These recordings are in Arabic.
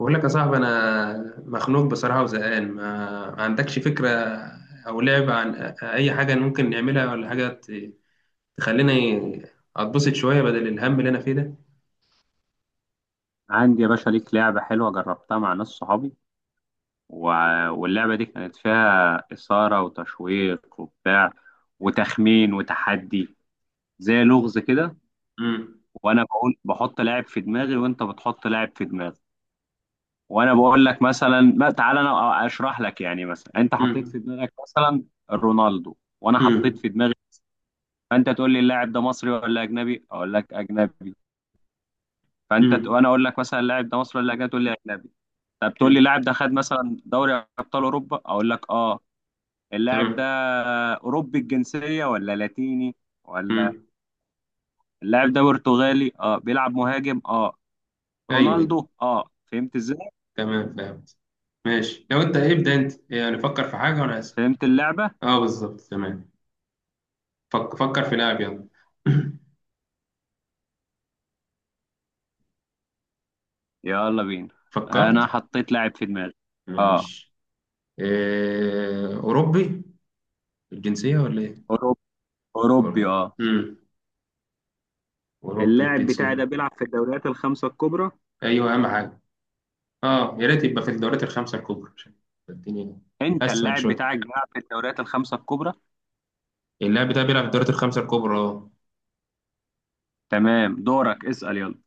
بقول لك يا صاحبي، انا مخنوق بصراحه وزهقان، ما عندكش فكره او لعبه عن اي حاجه ممكن نعملها، ولا حاجه تخليني اتبسط شويه بدل الهم اللي انا فيه ده. عندي يا باشا ليك لعبة حلوة جربتها مع ناس صحابي و... واللعبة دي كانت فيها إثارة وتشويق وبتاع وتخمين وتحدي، زي لغز كده. امم. وأنا بقول بحط لاعب في دماغي وأنت بتحط لاعب في دماغي. وأنا بقول لك مثلا، ما تعالى أنا أشرح لك، يعني مثلا أنت حطيت في امم. دماغك مثلا رونالدو وأنا حطيت امم. في دماغي. فأنت تقول لي اللاعب ده مصري ولا أجنبي؟ أقول لك أجنبي. امم. وأنا أقول لك مثلا اللاعب ده مصري ولا أجنبي؟ تقول لي أجنبي. طب تقول لي أمم. اللاعب ده خد مثلا دوري ابطال اوروبا، اقول لك اه. اللاعب ده تمام. اوروبي الجنسيه ولا لاتيني ولا؟ امم. اللاعب ده برتغالي، اه بيلعب مهاجم، اه ايوه، أيوة. رونالدو، اه. فهمت ازاي؟ تمام فهمت. ماشي. لو انت إيه، ابدا انت يعني فكر في حاجه وانا اسف. فهمت اللعبه. اه بالظبط تمام. فكر في لعب، يلا. يلا بينا. انا فكرت. حطيت لاعب في دماغي، اه. ماشي. اوروبي الجنسيه ولا ايه؟ اوروبي. اوروبي أوروبي. اه. وأوروبي اللاعب بتاعي الجنسية. ده بيلعب في الدوريات الخمسه الكبرى. أيوه، أهم حاجة. أه، يا ريت يبقى في الدوريات الخمسة الكبرى عشان الدنيا انت أسهل اللاعب شوية. بتاعك بيلعب في الدوريات الخمسه الكبرى. اللاعب ده بيلعب في الدوريات الخمسة الكبرى، أه. تمام، دورك اسال يلا.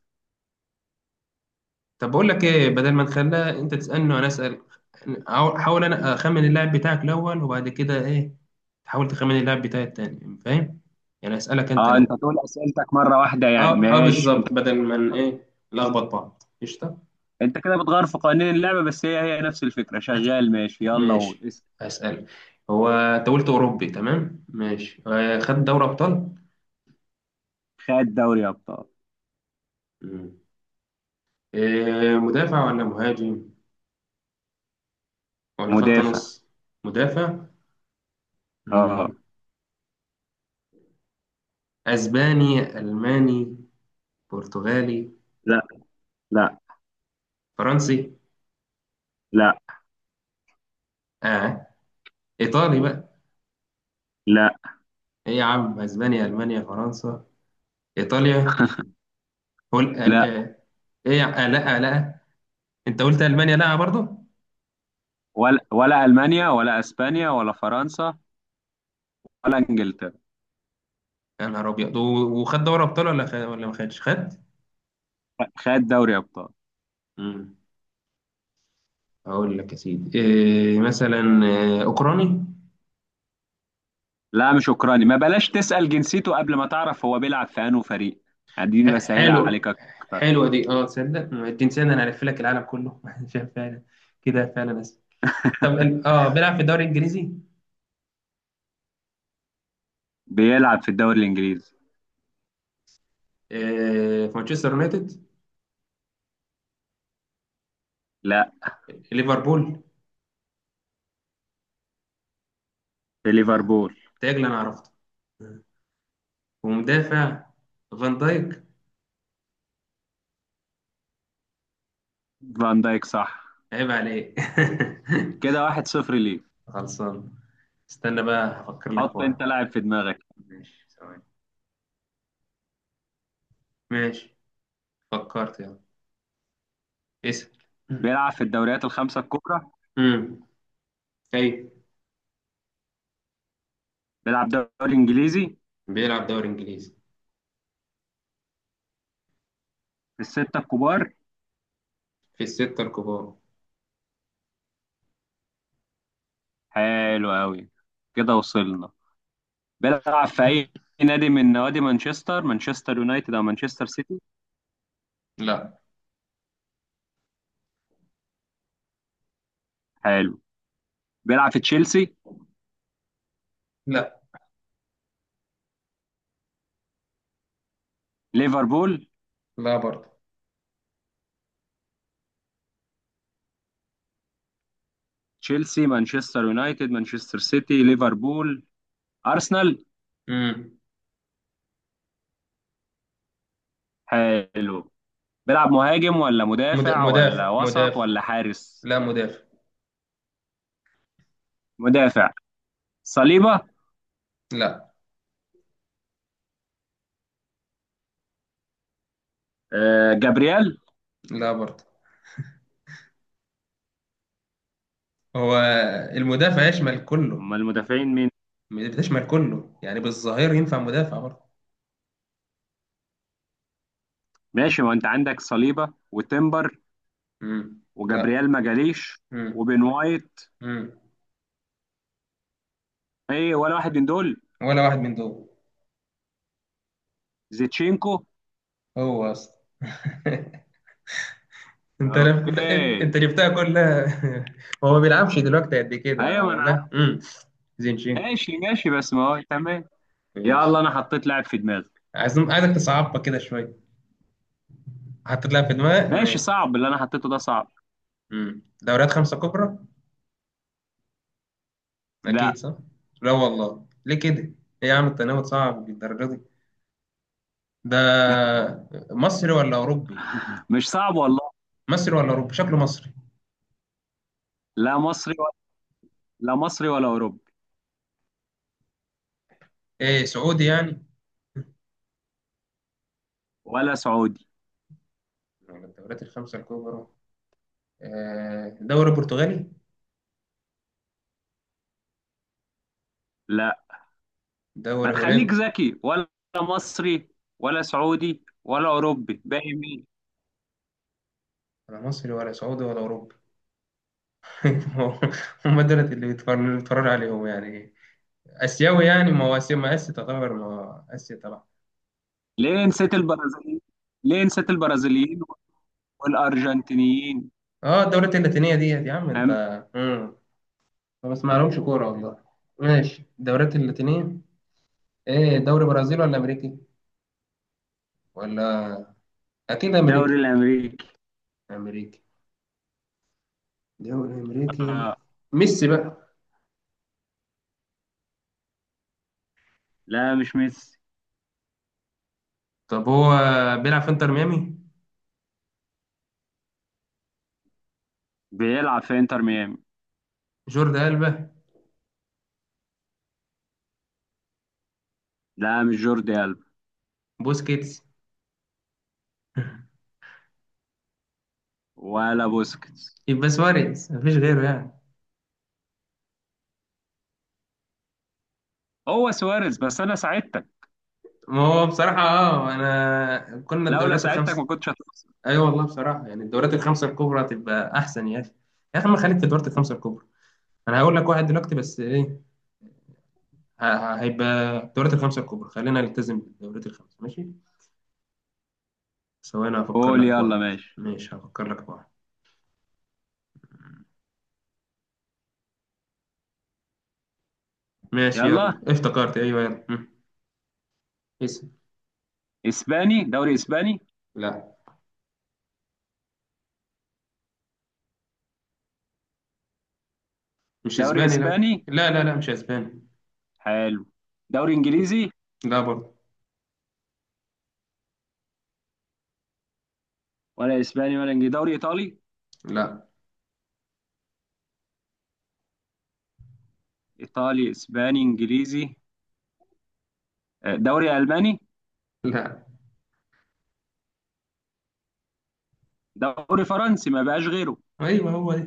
طب بقول لك إيه؟ بدل ما نخليها أنت تسألني وأنا أسأل، حاول أنا أخمن اللاعب بتاعك الأول وبعد كده إيه تحاول تخمن اللاعب بتاعي التاني، فاهم؟ يعني أسألك أنت اه، انت الأول. تقول اسئلتك مره واحده يعني، أه أه ماشي انت. بالظبط، بدل ما ن- إيه نلخبط بعض، قشطة. انت كده بتغير في قوانين اللعبه، بس هي نفس الفكره شغال، ماشي يلا قول ماشي، اسم. أسأل. هو أنت قلت أوروبي، تمام ماشي، آه، خد دوري أبطال؟ خد دوري ابطال. آه، مدافع ولا مهاجم ولا خط مدافع. نص؟ مدافع. مم. اه. اسباني، الماني، برتغالي، لا. لا. فرنسي؟ لا. اه، ايطالي بقى؟ لا. ايه عم، اسبانيا، المانيا، فرنسا، ايطاليا، هول؟ لا. آه. آه. ايه آه لا، آه لا، انت قلت المانيا، لا برضه. ولا المانيا ولا اسبانيا ولا فرنسا ولا انجلترا. يا نهار ابيض، وخد دوري ابطال ولا خد ولا ما خدش خد؟ خد دوري ابطال. مم. اقول لك يا سيدي إيه؟ مثلا آه، اوكراني؟ لا مش اوكراني، ما بلاش تسال جنسيته قبل ما تعرف هو بيلعب في انه فريق. اديني بسهلها عليك حلو. اكتر. حلوة دي. اه تصدق معدين سنة انا هلف لك العالم كله شايف فعلا كده، فعلا اسف. طب بيلعب في الدوري الانجليزي؟ بيلعب في الدوري الانجليزي. آه، في مانشستر يونايتد؟ لا. ليفربول؟ في اه ليفربول. تاجل انا عرفته. آه، ومدافع. فان دايك. فان دايك صح. عيب عليك. كده 1-0 ليه. خلصان. استنى بقى، هفكر لك في حط واحد. انت لاعب في دماغك. ماشي، ثواني. ماشي، فكرت، يلا اسأل. بيلعب في الدوريات الخمسة الكبرى. امم. اي. بيلعب دوري إنجليزي. بيلعب دوري انجليزي في الستة الكبار. في الستة الكبار. حلو أوي. كده وصلنا. بيلعب في أي نادي من نوادي مانشستر؟ مانشستر يونايتد أو مانشستر سيتي. لا. حلو. بيلعب في تشيلسي؟ لا. ليفربول؟ لا برضه. تشيلسي، مانشستر يونايتد، مانشستر سيتي، ليفربول، أرسنال. امم. حلو. بيلعب مهاجم ولا مدافع ولا مدافع وسط مدافع. ولا حارس؟ لا مدافع. مدافع. صليبة. لا. آه، جابرييل. لا برضه. هو المدافع يشمل كله. أمال المدافعين مين؟ بتشمل كله يعني، بالظاهر ينفع مدافع برضه. ماشي، ما أنت عندك صليبة وتمبر، امم. لا. وجابريال ما جاليش، امم. وبن وايت. امم. ايه، ولا واحد من دول؟ ولا واحد من دول. زيتشينكو. هو اصلا انت اوكي. أنت جبتها كلها. هو ما بيلعبش دلوقتي قد كده، ايوه، ما هو انا جه، عارف. امم، زينشينكو. ماشي ماشي، بس ما هو تمام. يلا، ماشي. انا حطيت لاعب في دماغي. عايزك تصعبها كده شويه، حطيت لها في دماغك، ماشي، ماشي. صعب اللي انا حطيته ده صعب. امم. دوريات خمسه كبرى، أكيد لا. صح؟ لا والله، ليه كده؟ إيه يا عم، التناوب صعب بالدرجة دي؟ ده مصري ولا أوروبي؟ مش صعب والله. مصري ولا أوروبي؟ شكله مصري. لا مصري ولا. لا مصري ولا اوروبي إيه، سعودي يعني؟ ولا سعودي. ولا الدوريات الخمسة الكبرى؟ آه، دوري برتغالي؟ لا. ما دوري هولندي؟ تخليك ذكي ولا مصري ولا سعودي ولا اوروبي، باقي مين؟ ولا مصري ولا سعودي ولا أوروبي؟ هم دول اللي بيتفرج عليهم يعني؟ آسيوي يعني؟ ما هو آسيا، ما آسيا تعتبر، ما هو آسيا طبعا. ليه نسيت البرازيليين؟ ليه نسيت البرازيليين والارجنتينيين؟ اه الدوريات اللاتينية ديت يا عم انت. أم- مم. ما بسمعلهمش كورة والله. ماشي الدوريات اللاتينية. ايه، دوري برازيلي ولا امريكي ولا اكيد الدوري امريكي؟ الامريكي. امريكي، دوري امريكي. آه. ميسي بقى؟ لا مش ميسي. طب هو بيلعب في انتر ميامي. بيلعب في انتر ميامي. جوردي ألبا؟ لا مش جوردي ألبا. بوسكيتس؟ ولا بوسكيتس. يبقى سواريز، مفيش غيره يعني. هو سواريز، بس انا ساعدتك. ما هو بصراحة اه انا كنا لولا الدوريات ساعدتك الخمسة. ما كنتش هتخسر. ايوه والله، بصراحة يعني الدوريات الخمسة الكبرى تبقى احسن يا اخي. يا اخي ما خليك في الدوريات الخمسة الكبرى. انا هقول لك واحد دلوقتي، بس ايه، هيبقى الدوريات الخمسة الكبرى، خلينا نلتزم بالدوريات الخمسة، ماشي. ثواني هفكر قول لك في يلا واحد. ماشي. ماشي، هفكر لك في واحد. ماشي يلا يلا. افتكرت، ايوه يلا، مم، اسم. اسباني، دوري اسباني. لا. مش دوري اسباني، لا. اسباني. لا لا لا، مش اسباني. حلو. دوري انجليزي. لا برضه. ولا اسباني ولا انجليزي، دوري ايطالي. لا. ايطالي، اسباني، انجليزي، آه، دوري الماني. لا. دوري فرنسي، ما بقاش غيره. ايوه، هو دي.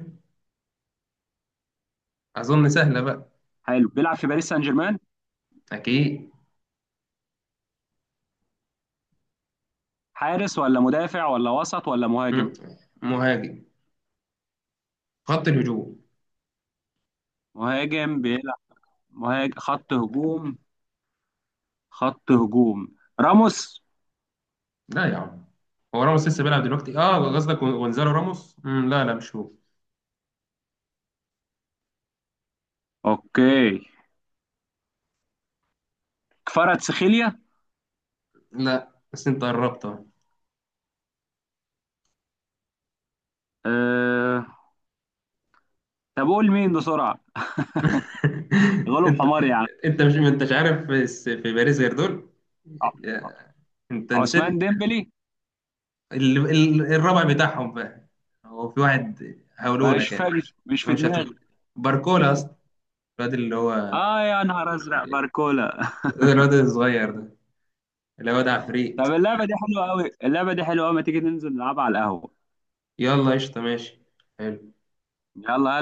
اظن سهله بقى. حلو، بيلعب في باريس سان جيرمان. اكيد. حارس ولا مدافع ولا وسط ولا مهاجم؟ مم. مهاجم، خط الهجوم. مهاجم بيلعب. مهاجم، خط هجوم. خط هجوم. راموس. لا يا عم. هو راموس لسه بيلعب دلوقتي؟ اه قصدك غونزالو راموس، مم، لا لا مش هو. اوكي. كفاراتسخيليا. لا بس انت قربت أهو. أه... طب قول مين بسرعة. غلب انت حمار يعني. انت مش ما انتش عارف، بس في باريس غير دول. ع- انت عثمان نسيت. ديمبلي. الرابع بتاعهم بقى. هو في واحد هقوله مش لك يعني فاهم، مش انا في مش هتفهم، دماغي. باركولا اصلا. الواد اللي هو اه يا نهار ازرق، باركولا. الواد الصغير ده، اللي هو ده طب عفريت. اللعبة دي حلوة قوي، اللعبة دي حلوة قوي، ما تيجي ننزل نلعبها على القهوة. يلا قشطه، ماشي. حلو. يلا.